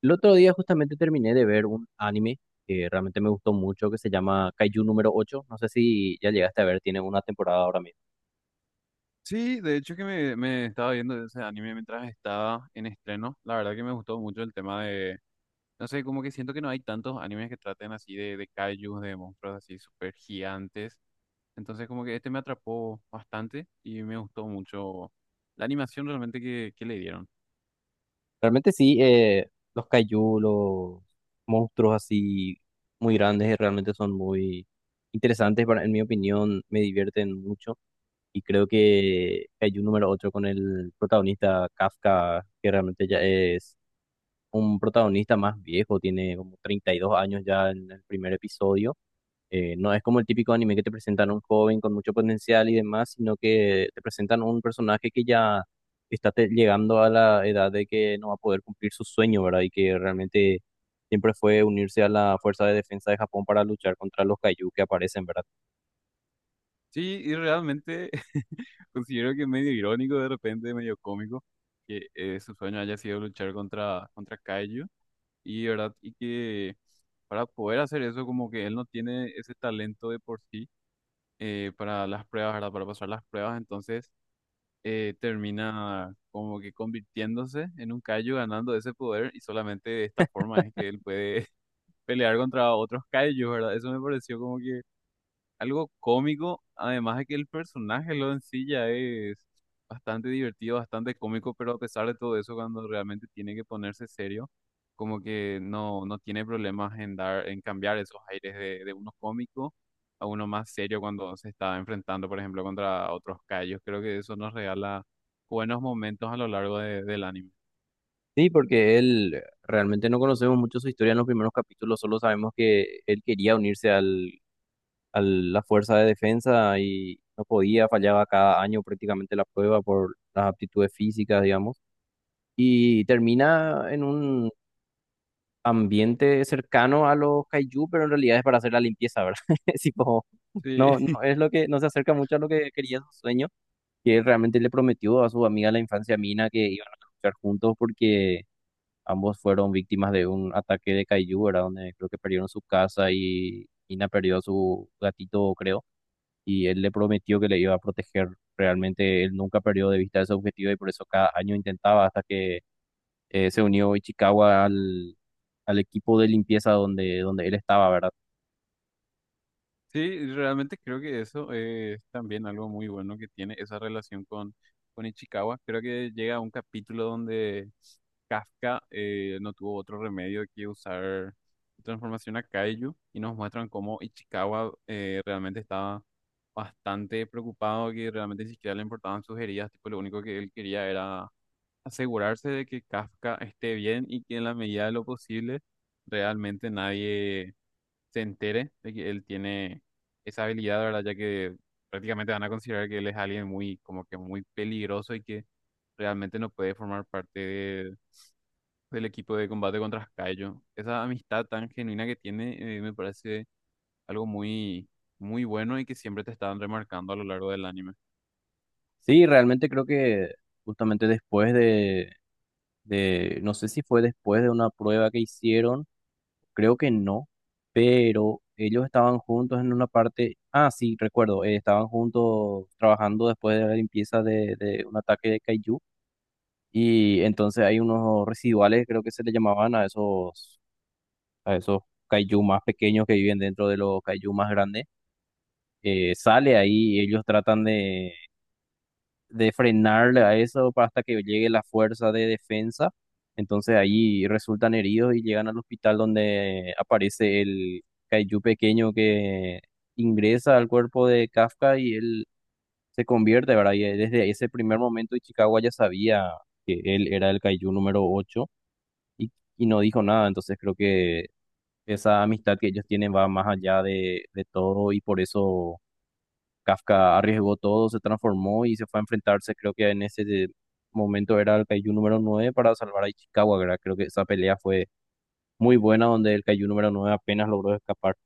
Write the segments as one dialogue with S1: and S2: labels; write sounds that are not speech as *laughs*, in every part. S1: El otro día justamente terminé de ver un anime que realmente me gustó mucho, que se llama Kaiju número ocho. No sé si ya llegaste a ver, tiene una temporada ahora mismo.
S2: Sí, de hecho que me estaba viendo ese anime mientras estaba en estreno. La verdad que me gustó mucho el tema de, no sé, como que siento que no hay tantos animes que traten así de kaijus, de monstruos así súper gigantes. Entonces como que este me atrapó bastante y me gustó mucho la animación realmente que le dieron.
S1: Realmente sí, los Kaiju, los monstruos así muy grandes, realmente son muy interesantes, en mi opinión, me divierten mucho. Y creo que Kaiju número ocho con el protagonista Kafka, que realmente ya es un protagonista más viejo, tiene como 32 años ya en el primer episodio. No es como el típico anime que te presentan a un joven con mucho potencial y demás, sino que te presentan un personaje que ya está llegando a la edad de que no va a poder cumplir su sueño, ¿verdad? Y que realmente siempre fue unirse a la Fuerza de Defensa de Japón para luchar contra los Kaiju que aparecen, ¿verdad?
S2: Sí, y realmente *laughs* considero que es medio irónico de repente, medio cómico, que su sueño haya sido luchar contra kaiju. Y, ¿verdad? Y que para poder hacer eso, como que él no tiene ese talento de por sí para las pruebas, ¿verdad? Para pasar las pruebas, entonces termina como que convirtiéndose en un Kaiju, ganando ese poder, y solamente de esta forma es que él puede *laughs* pelear contra otros Kaijus, ¿verdad? Eso me pareció como que algo cómico, además de que el personaje lo en sí ya es bastante divertido, bastante cómico, pero a pesar de todo eso, cuando realmente tiene que ponerse serio, como que no tiene problemas en dar, en cambiar esos aires de uno cómico a uno más serio cuando se está enfrentando, por ejemplo, contra otros callos. Creo que eso nos regala buenos momentos a lo largo del anime.
S1: Sí, porque él realmente no conocemos mucho su historia en los primeros capítulos, solo sabemos que él quería unirse a la Fuerza de Defensa y no podía, fallaba cada año prácticamente la prueba por las aptitudes físicas, digamos. Y termina en un ambiente cercano a los kaiju, pero en realidad es para hacer la limpieza, ¿verdad? *laughs* Es tipo,
S2: Sí.
S1: no,
S2: *laughs*
S1: no es lo que, no se acerca mucho a lo que quería su sueño, que él realmente le prometió a su amiga de la infancia Mina que iban a luchar juntos porque ambos fueron víctimas de un ataque de kaiju, ¿verdad? Donde creo que perdieron su casa y Mina perdió a su gatito, creo. Y él le prometió que le iba a proteger. Realmente él nunca perdió de vista ese objetivo y por eso cada año intentaba hasta que se unió Ichikawa al, al equipo de limpieza donde, donde él estaba, ¿verdad?
S2: Sí, realmente creo que eso es también algo muy bueno que tiene esa relación con Ichikawa. Creo que llega a un capítulo donde Kafka no tuvo otro remedio que usar su transformación a Kaiju y nos muestran cómo Ichikawa realmente estaba bastante preocupado, que realmente ni siquiera le importaban sus heridas, tipo lo único que él quería era asegurarse de que Kafka esté bien y que en la medida de lo posible realmente nadie se entere de que él tiene esa habilidad, ¿verdad? Ya que prácticamente van a considerar que él es alguien muy, como que muy peligroso y que realmente no puede formar parte del equipo de combate contra Kaijo. Esa amistad tan genuina que tiene, me parece algo muy, muy bueno y que siempre te están remarcando a lo largo del anime.
S1: Sí, realmente creo que justamente después de, no sé si fue después de una prueba que hicieron, creo que no, pero ellos estaban juntos en una parte, ah, sí, recuerdo, estaban juntos trabajando después de la limpieza de un ataque de Kaiju. Y entonces hay unos residuales, creo que se le llamaban a esos kaiju más pequeños que viven dentro de los kaiju más grandes. Sale ahí y ellos tratan de frenarle a eso para hasta que llegue la fuerza de defensa. Entonces ahí resultan heridos y llegan al hospital donde aparece el Kaiju pequeño que ingresa al cuerpo de Kafka y él se convierte, ¿verdad? Y desde ese primer momento Ichikawa ya sabía que él era el Kaiju número ocho y, y no dijo nada. Entonces creo que esa amistad que ellos tienen va más allá de todo y por eso Kafka arriesgó todo, se transformó y se fue a enfrentarse, creo que en ese momento era el Kaiju número nueve para salvar a Ichikawa, ¿verdad? Creo que esa pelea fue muy buena donde el Kaiju número nueve apenas logró escapar.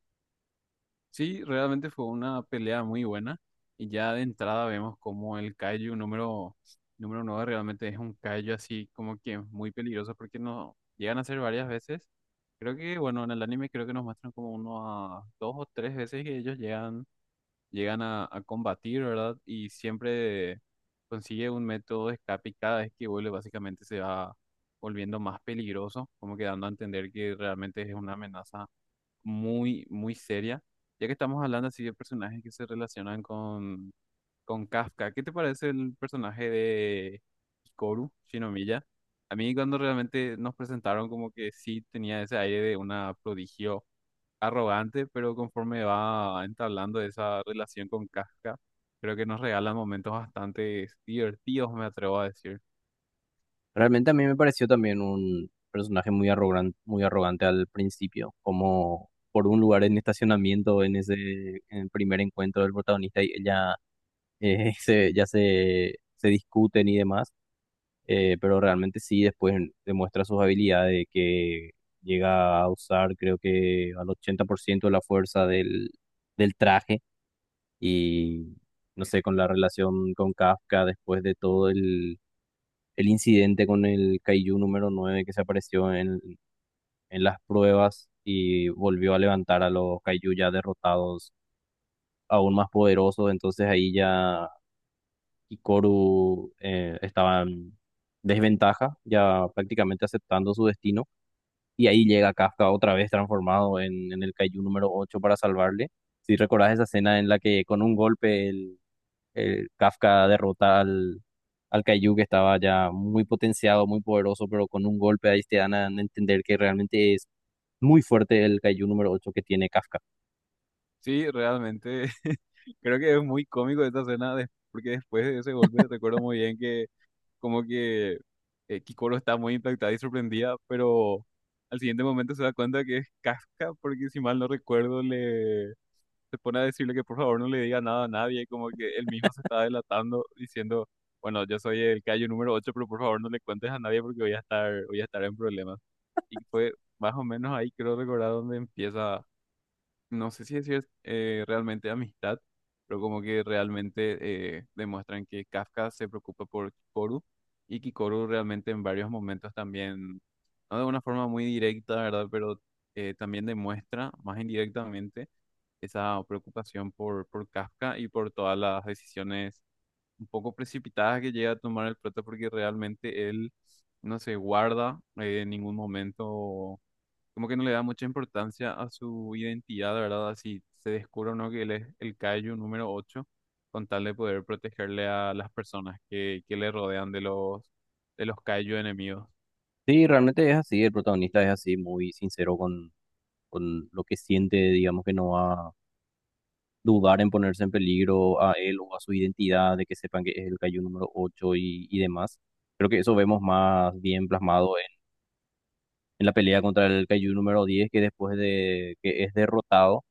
S2: Sí, realmente fue una pelea muy buena y ya de entrada vemos como el número 9 realmente es un Kaiju así como que muy peligroso porque no llegan a ser varias veces. Creo que, bueno, en el anime creo que nos muestran como uno a dos o tres veces que ellos llegan, llegan a combatir, ¿verdad? Y siempre consigue un método de escape y cada vez que vuelve básicamente se va volviendo más peligroso, como que dando a entender que realmente es una amenaza muy, muy seria. Ya que estamos hablando así de personajes que se relacionan con Kafka, ¿qué te parece el personaje de Hikaru Shinomiya? A mí cuando realmente nos presentaron como que sí tenía ese aire de una prodigio arrogante, pero conforme va entablando esa relación con Kafka, creo que nos regalan momentos bastante divertidos, me atrevo a decir.
S1: Realmente a mí me pareció también un personaje muy arrogante al principio, como por un lugar en estacionamiento en ese en el primer encuentro del protagonista y ella *laughs* ya se discuten y demás. Pero realmente sí, después demuestra sus habilidades de que llega a usar creo que al 80% de la fuerza del traje y no sé, con la relación con Kafka después de todo el incidente con el Kaiju número nueve que se apareció en las pruebas y volvió a levantar a los Kaiju ya derrotados aún más poderosos, entonces ahí ya y Koru estaban en desventaja, ya prácticamente aceptando su destino. Y ahí llega Kafka otra vez transformado en el Kaiju número ocho para salvarle. Si recordás esa escena en la que con un golpe el Kafka derrota al Kaiju que estaba ya muy potenciado, muy poderoso, pero con un golpe ahí te dan a entender que realmente es muy fuerte el Kaiju número ocho que tiene Kafka.
S2: Sí, realmente *laughs* creo que es muy cómico esta escena, porque después de ese golpe recuerdo muy bien que como que Kikoro está muy impactada y sorprendida, pero al siguiente momento se da cuenta que es Kafka, porque si mal no recuerdo, le se pone a decirle que por favor no le diga nada a nadie, como que él mismo se está delatando, diciendo, bueno, yo soy el callo número 8 pero por favor no le cuentes a nadie porque voy a estar en problemas. Y fue más o menos ahí, creo recordar, donde empieza no sé si eso es realmente amistad, pero como que realmente demuestran que Kafka se preocupa por Kikoru y Kikoru realmente en varios momentos también, no de una forma muy directa, ¿verdad? Pero también demuestra más indirectamente esa preocupación por Kafka y por todas las decisiones un poco precipitadas que llega a tomar el prota porque realmente él no se guarda en ningún momento como que no le da mucha importancia a su identidad, ¿verdad? Así se descubre o no que él es el Kaiju número 8 con tal de poder protegerle a las personas que le rodean de los Kaiju enemigos.
S1: Sí, realmente es así, el protagonista es así, muy sincero con lo que siente, digamos que no va dudar en ponerse en peligro a él o a su identidad, de que sepan que es el Kaiju número ocho y demás. Creo que eso vemos más bien plasmado en la pelea contra el Kaiju número diez que después de que es derrotado,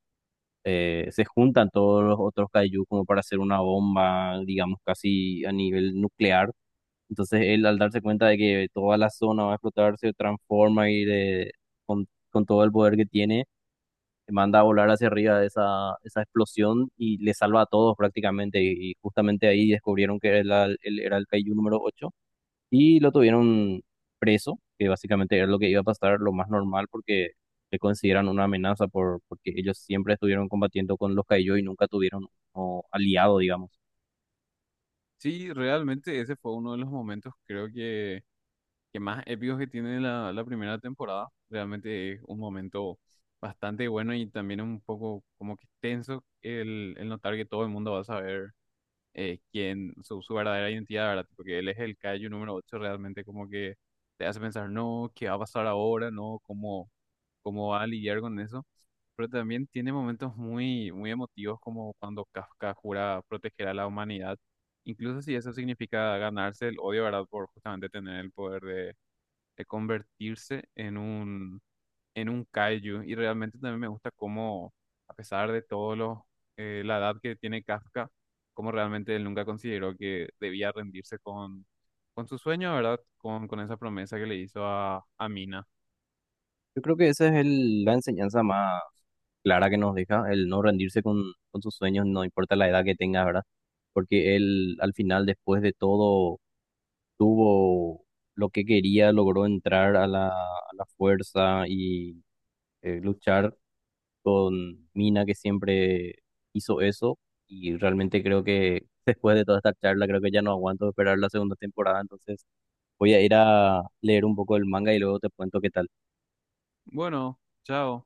S1: se juntan todos los otros Kaiju como para hacer una bomba, digamos, casi a nivel nuclear. Entonces él al darse cuenta de que toda la zona va a explotar, se transforma con todo el poder que tiene, manda a volar hacia arriba esa explosión y le salva a todos prácticamente. Y justamente ahí descubrieron que era era el Kaiju número ocho y lo tuvieron preso, que básicamente era lo que iba a pasar, lo más normal, porque le consideran una amenaza porque ellos siempre estuvieron combatiendo con los Kaiju y nunca tuvieron un aliado, digamos.
S2: Sí, realmente ese fue uno de los momentos, que más épicos que tiene la primera temporada. Realmente es un momento bastante bueno y también un poco como que tenso el notar que todo el mundo va a saber. Quién, su verdadera identidad, ¿verdad? Porque él es el Kaiju número 8 realmente como que te hace pensar, no, ¿qué va a pasar ahora? No, ¿cómo, cómo va a lidiar con eso? Pero también tiene momentos muy, muy emotivos como cuando Kafka jura proteger a la humanidad, incluso si eso significa ganarse el odio, ¿verdad? Por justamente tener el poder de convertirse en un kaiju y realmente también me gusta cómo, a pesar de todo lo, la edad que tiene Kafka, cómo realmente él nunca consideró que debía rendirse con su sueño, ¿verdad? Con esa promesa que le hizo a Mina.
S1: Yo creo que esa es la enseñanza más clara que nos deja, el no rendirse con sus sueños, no importa la edad que tengas, ¿verdad? Porque él al final, después de todo, tuvo lo que quería, logró entrar a a la fuerza y luchar con Mina, que siempre hizo eso. Y realmente creo que *laughs* después de toda esta charla, creo que ya no aguanto esperar la segunda temporada. Entonces voy a ir a leer un poco el manga y luego te cuento qué tal.
S2: Bueno, chao.